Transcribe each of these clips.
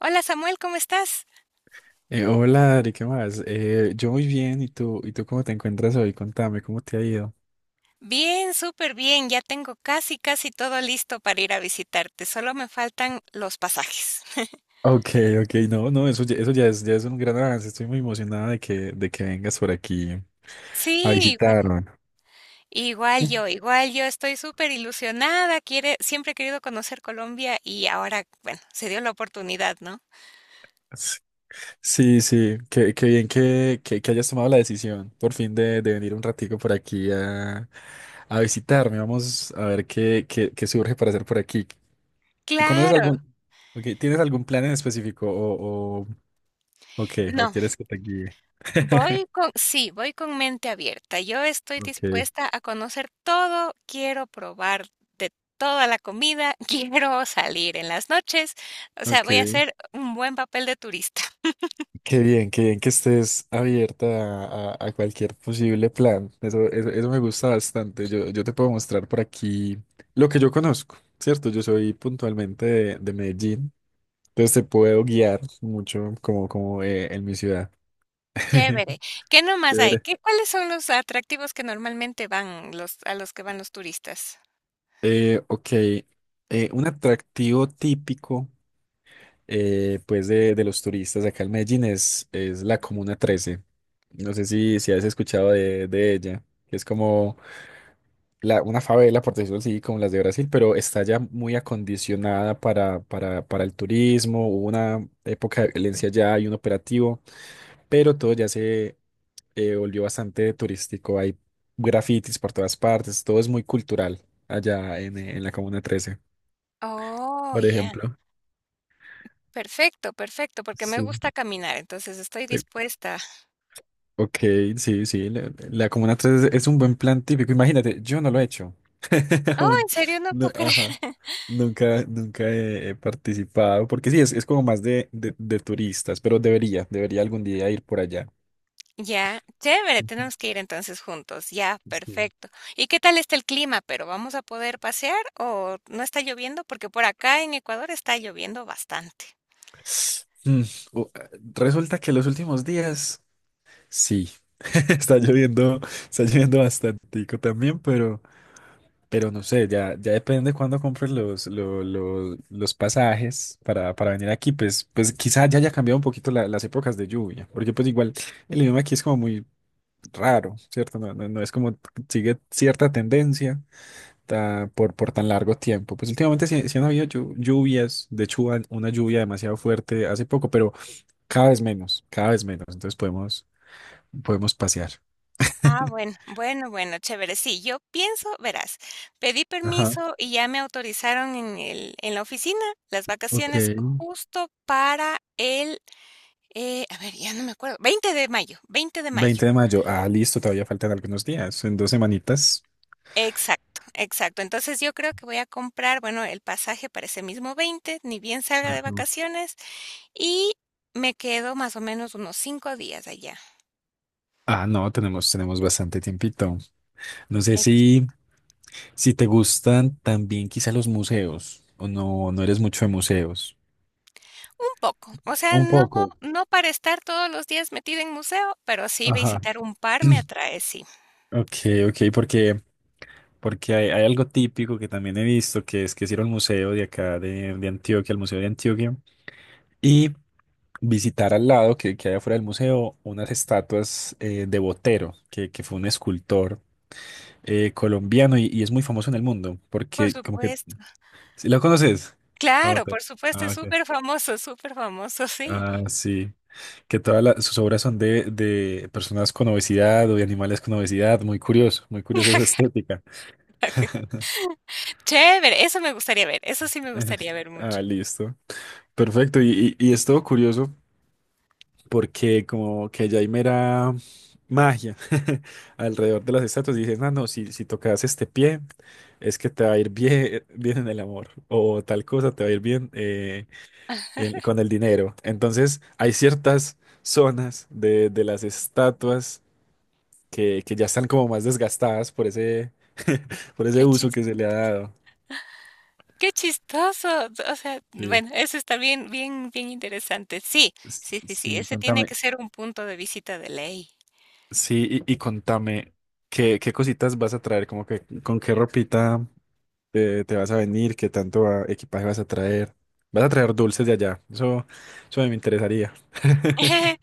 Hola Samuel, ¿cómo estás? Hola Ari, ¿qué más? Yo muy bien, ¿y tú? ¿Y tú cómo te encuentras hoy? Contame, ¿cómo te ha ido? Bien, súper bien. Ya tengo casi, casi todo listo para ir a visitarte. Solo me faltan los pasajes. Ok, ok, no, no, ya es un gran avance. Estoy muy emocionada de que vengas por aquí a Sí, igual, visitarme. Igual yo estoy súper ilusionada. Quiere, siempre he querido conocer Colombia y ahora, bueno, se dio la oportunidad, ¿no? Sí, sí, sí, qué bien que hayas tomado la decisión por fin de venir un ratico por aquí a visitarme. Vamos a ver qué surge para hacer por aquí. ¿Conoces algún, Claro. ok, ¿tienes algún plan en específico ok, o No. quieres que te guíe? Voy con mente abierta. Yo estoy Ok, dispuesta a conocer todo, quiero probar de toda la comida, quiero salir en las noches, o sea, voy a ok. hacer un buen papel de turista. Qué bien que estés abierta a cualquier posible plan. Eso me gusta bastante. Yo te puedo mostrar por aquí lo que yo conozco, ¿cierto? Yo soy puntualmente de Medellín, entonces te puedo guiar mucho como en mi ciudad. Chévere. ¿Qué nomás hay? Chévere. ¿Qué, cuáles son los atractivos que normalmente van los a los que van los turistas? Ok, un atractivo típico pues de los turistas acá en Medellín es la Comuna 13. No sé si has escuchado de ella, que es como. Una favela, por decirlo así, como las de Brasil, pero está ya muy acondicionada para el turismo. Hubo una época de violencia ya y un operativo, pero todo ya se volvió bastante turístico. Hay grafitis por todas partes, todo es muy cultural allá en la Comuna 13, Oh, por ya. ejemplo. Perfecto, perfecto, porque me Sí. gusta caminar, entonces estoy Te- dispuesta. Ok, sí, sí, la Comuna 13 es un buen plan típico. Imagínate, yo no lo he hecho. Oh, en Aún serio, no no, puedo ajá. creer. Nunca he participado, porque sí, es como más de turistas, pero debería algún día ir por allá. Ya, chévere, Ujú, tenemos que ir entonces juntos, ya, sí. perfecto. ¿Y qué tal está el clima? ¿Pero vamos a poder pasear o no está lloviendo? Porque por acá en Ecuador está lloviendo bastante. Mm, o- Resulta que los últimos días, sí, está lloviendo, está lloviendo bastantico también, pero no sé, ya depende de cuándo compres los pasajes para venir aquí, pues quizá ya haya cambiado un poquito las épocas de lluvia, porque pues igual el idioma aquí es como muy raro, ¿cierto? No, no, no es como sigue cierta tendencia por tan largo tiempo. Pues últimamente sí, sí han habido lluvias. De hecho, hubo una lluvia demasiado fuerte hace poco, pero cada vez menos, cada vez menos. Entonces podemos pasear. Ah, bueno, bueno, bueno, chévere. Sí, yo pienso, verás, pedí Ajá, permiso y ya me autorizaron en la oficina las ok. vacaciones justo para a ver, ya no me acuerdo, 20 de mayo, 20 de mayo. 20 de mayo, ah, listo, todavía faltan algunos días, en 2 semanitas. Exacto, exacto. Entonces, yo creo que voy a comprar, bueno, el pasaje para ese mismo 20 ni bien salga de Ajá. vacaciones, y me quedo más o menos unos 5 días allá. Ah, no, tenemos bastante tiempito. No sé si, Exacto. si te gustan también quizá los museos, o no, no eres mucho de museos. Un poco. O sea, Un no poco. no para estar todos los días metida en museo, pero sí Ajá. visitar un par me atrae, sí. Ok, ok, porque hay algo típico que también he visto, que es ir al museo de acá de Antioquia, al Museo de Antioquia, y visitar al lado que hay afuera del museo unas estatuas de Botero, que fue un escultor colombiano, y es muy famoso en el mundo, Por porque como que. supuesto. ¿Sí? ¿Lo conoces? A Claro, Botero. por supuesto, Ah, es ok. súper famoso, superfamoso, famoso, sí. Ah, sí. Que todas sus obras son de personas con obesidad o de animales con obesidad. Muy curioso, muy curiosa esa estética. Chévere, eso me gustaría ver, eso sí me gustaría ver mucho. Ah, listo. Perfecto, y es todo curioso porque como que ya hay mera magia alrededor de las estatuas. Y dices, no, no, si tocas este pie, es que te va a ir bien, bien en el amor, o tal cosa, te va a ir bien con el dinero. Entonces hay ciertas zonas de las estatuas que ya están como más desgastadas por ese, por ese Qué uso que se le ha dado. Qué chistoso. O sea, Sí. bueno, eso está bien, bien, bien interesante. Sí, sí, sí, sí. Sí, Ese tiene contame. que ser un punto de visita de ley. Sí, y contame, ¿qué cositas vas a traer. Como que con qué ropita te vas a venir, qué tanto equipaje vas a traer. Vas a traer dulces de allá. Eso me interesaría.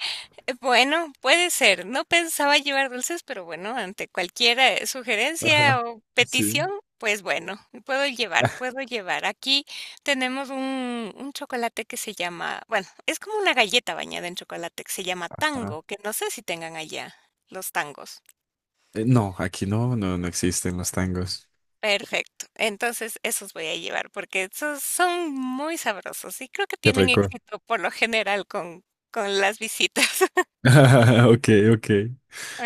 Bueno, puede ser. No pensaba llevar dulces, pero bueno, ante cualquier sugerencia Ajá, o sí. petición, pues bueno, puedo llevar, puedo llevar. Aquí tenemos un chocolate que se llama, bueno, es como una galleta bañada en chocolate que se llama Ah, tango, que no sé si tengan allá los tangos. No, aquí no, no, no existen los tangos. Perfecto. Entonces, esos voy a llevar porque esos son muy sabrosos y creo que Qué tienen rico. éxito por lo general con las visitas. Ok, ok.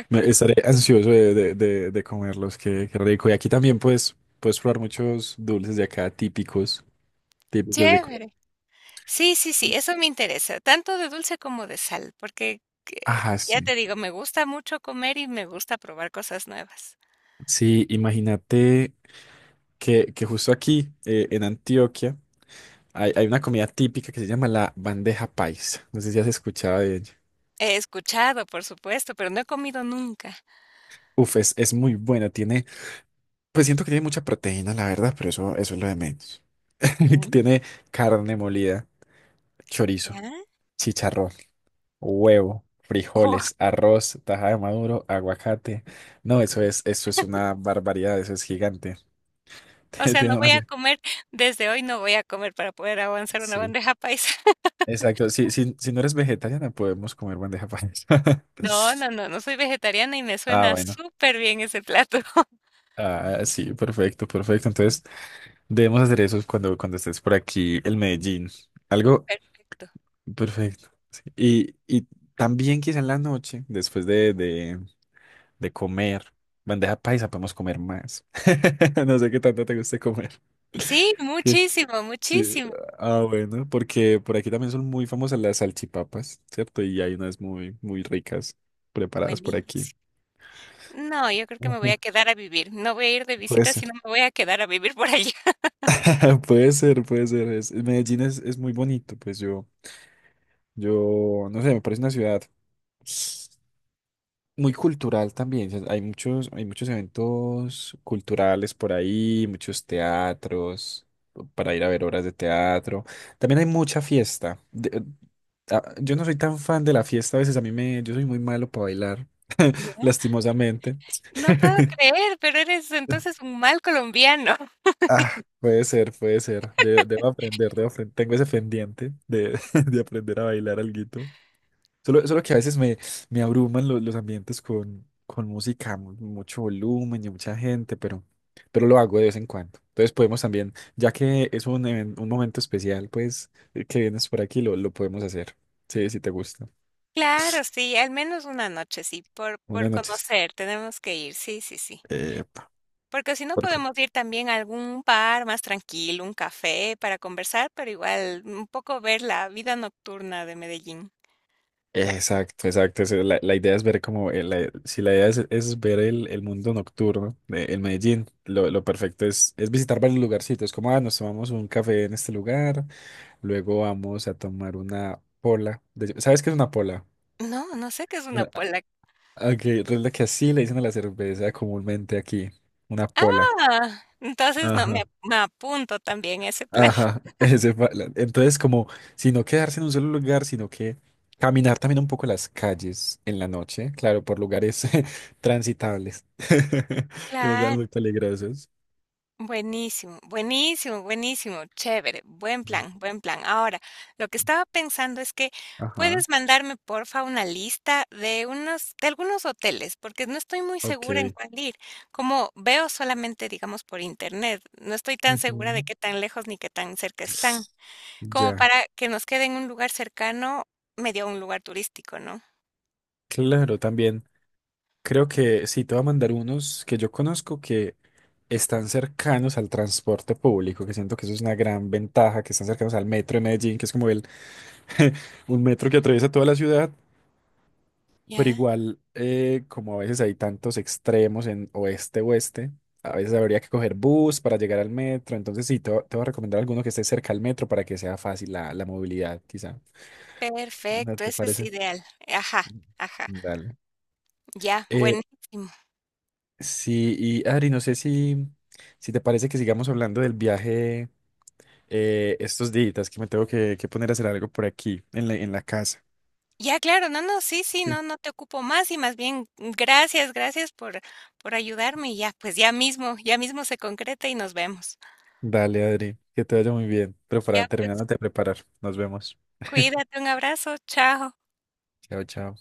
Estaré ansioso de comerlos, qué rico. Y aquí también puedes probar muchos dulces de acá típicos, típicos de Colombia. Chévere. Sí, sí, sí, eso me interesa, tanto de dulce como de sal, porque que- Ajá, ya sí. te digo, me gusta mucho comer y me gusta probar cosas nuevas. Sí, imagínate que justo aquí en Antioquia hay una comida típica que se llama la bandeja paisa. No sé si has escuchado de ella. He escuchado, por supuesto, pero no he comido nunca. Uf, es muy buena. Pues siento que tiene mucha proteína, la verdad, pero eso es lo de menos. Ya, Tiene carne molida, chorizo, ya. chicharrón, huevo, Oh, frijoles, arroz, taja de maduro, aguacate. No, eso es una barbaridad, eso es gigante. o sea, no Tiene voy más. a comer, desde hoy no voy a comer para poder avanzar una Sí. bandeja paisa. Exacto, si no eres vegetariana, podemos comer bandeja paisa. No, no, no, no soy vegetariana y me Ah, suena bueno. súper bien ese plato. Ah, sí, perfecto, perfecto. Entonces, debemos hacer eso cuando estés por aquí, el Medellín. Algo Perfecto. perfecto. Y también quizá en la noche, después de comer bandeja paisa, podemos comer más. No sé qué tanto te guste comer. Sí, ¿Qué? muchísimo, Sí. muchísimo. Ah, bueno, porque por aquí también son muy famosas las salchipapas, ¿cierto? Y hay unas muy, muy ricas preparadas por aquí. Buenísimo. No, yo creo que me voy a Ajá, quedar a vivir. No voy a ir de puede visita, ser. sino me voy a quedar a vivir por allá. Puede ser, puede ser. Medellín es muy bonito. Pues, yo, no sé, me parece una ciudad muy cultural también. O sea, hay muchos eventos culturales por ahí, muchos teatros para ir a ver obras de teatro. También hay mucha fiesta. Yo no soy tan fan de la fiesta. A veces, yo soy muy malo para bailar, ¿Ya? lastimosamente. No puedo creer, pero eres entonces un mal colombiano. Ah, puede ser, puede ser. Debo aprender, debo aprender. Tengo ese pendiente de, de aprender a bailar alguito. Solo que a veces me abruman los ambientes con música, mucho volumen y mucha gente, pero lo hago de vez en cuando. Entonces podemos también, ya que es un momento especial, pues, que vienes por aquí, lo podemos hacer. Sí, si te gusta. Claro, sí, al menos una noche, sí, por Buenas noches. conocer, tenemos que ir. Sí, sí, sí. Epa, Porque si no por podemos ir también a algún bar más tranquilo, un café para conversar, pero igual un poco ver la vida nocturna de Medellín. Exacto, exacto. La idea es ver como, Si la idea es ver el mundo nocturno, el Medellín, lo perfecto es visitar varios lugarcitos, como, ah, nos tomamos un café en este lugar, luego vamos a tomar una pola. ¿Sabes qué es una pola? No, no sé qué es una Ah, polaca. Ok, es la que así le dicen a la cerveza comúnmente aquí, una pola. Ah, entonces no, me apunto también a ese plan. Ajá, ese fue entonces como si no quedarse en un solo lugar, sino que caminar también un poco las calles en la noche, claro, por lugares transitables, que no sean Claro. muy peligrosos. Buenísimo, buenísimo, buenísimo, chévere, buen plan, buen plan. Ahora, lo que estaba pensando es que Ajá, puedes mandarme porfa una lista de unos, de algunos hoteles, porque no estoy muy segura en ok. cuál ir. Como veo solamente, digamos, por internet, no estoy tan segura de Ujú. qué tan lejos ni qué tan cerca están, como Ya, para que nos quede en un lugar cercano, medio un lugar turístico, ¿no? claro, también creo que sí, te voy a mandar unos que yo conozco que están cercanos al transporte público, que siento que eso es una gran ventaja, que están cercanos al metro de Medellín, que es como un metro que atraviesa toda la ciudad. Pero Ya, igual, como a veces hay tantos extremos en oeste-oeste, a veces habría que coger bus para llegar al metro. Entonces, sí, te voy a recomendar alguno que esté cerca al metro para que sea fácil la movilidad, quizá. ¿No perfecto, te ese es parece? ideal. Ajá, ajá, Dale. ya, Eh, buenísimo. sí, y Adri, no sé si te parece que sigamos hablando del viaje estos días, que me tengo que poner a hacer algo por aquí, en la casa. Ya, claro, no, no, sí, sí, Sí. no, no te ocupo más y más bien gracias, gracias por ayudarme y ya, pues ya mismo se concreta y nos vemos. Dale, Adri, que te vaya muy bien. Pero Ya, para pues terminando te preparar, nos vemos. cuídate, un abrazo, chao. Chao, chao.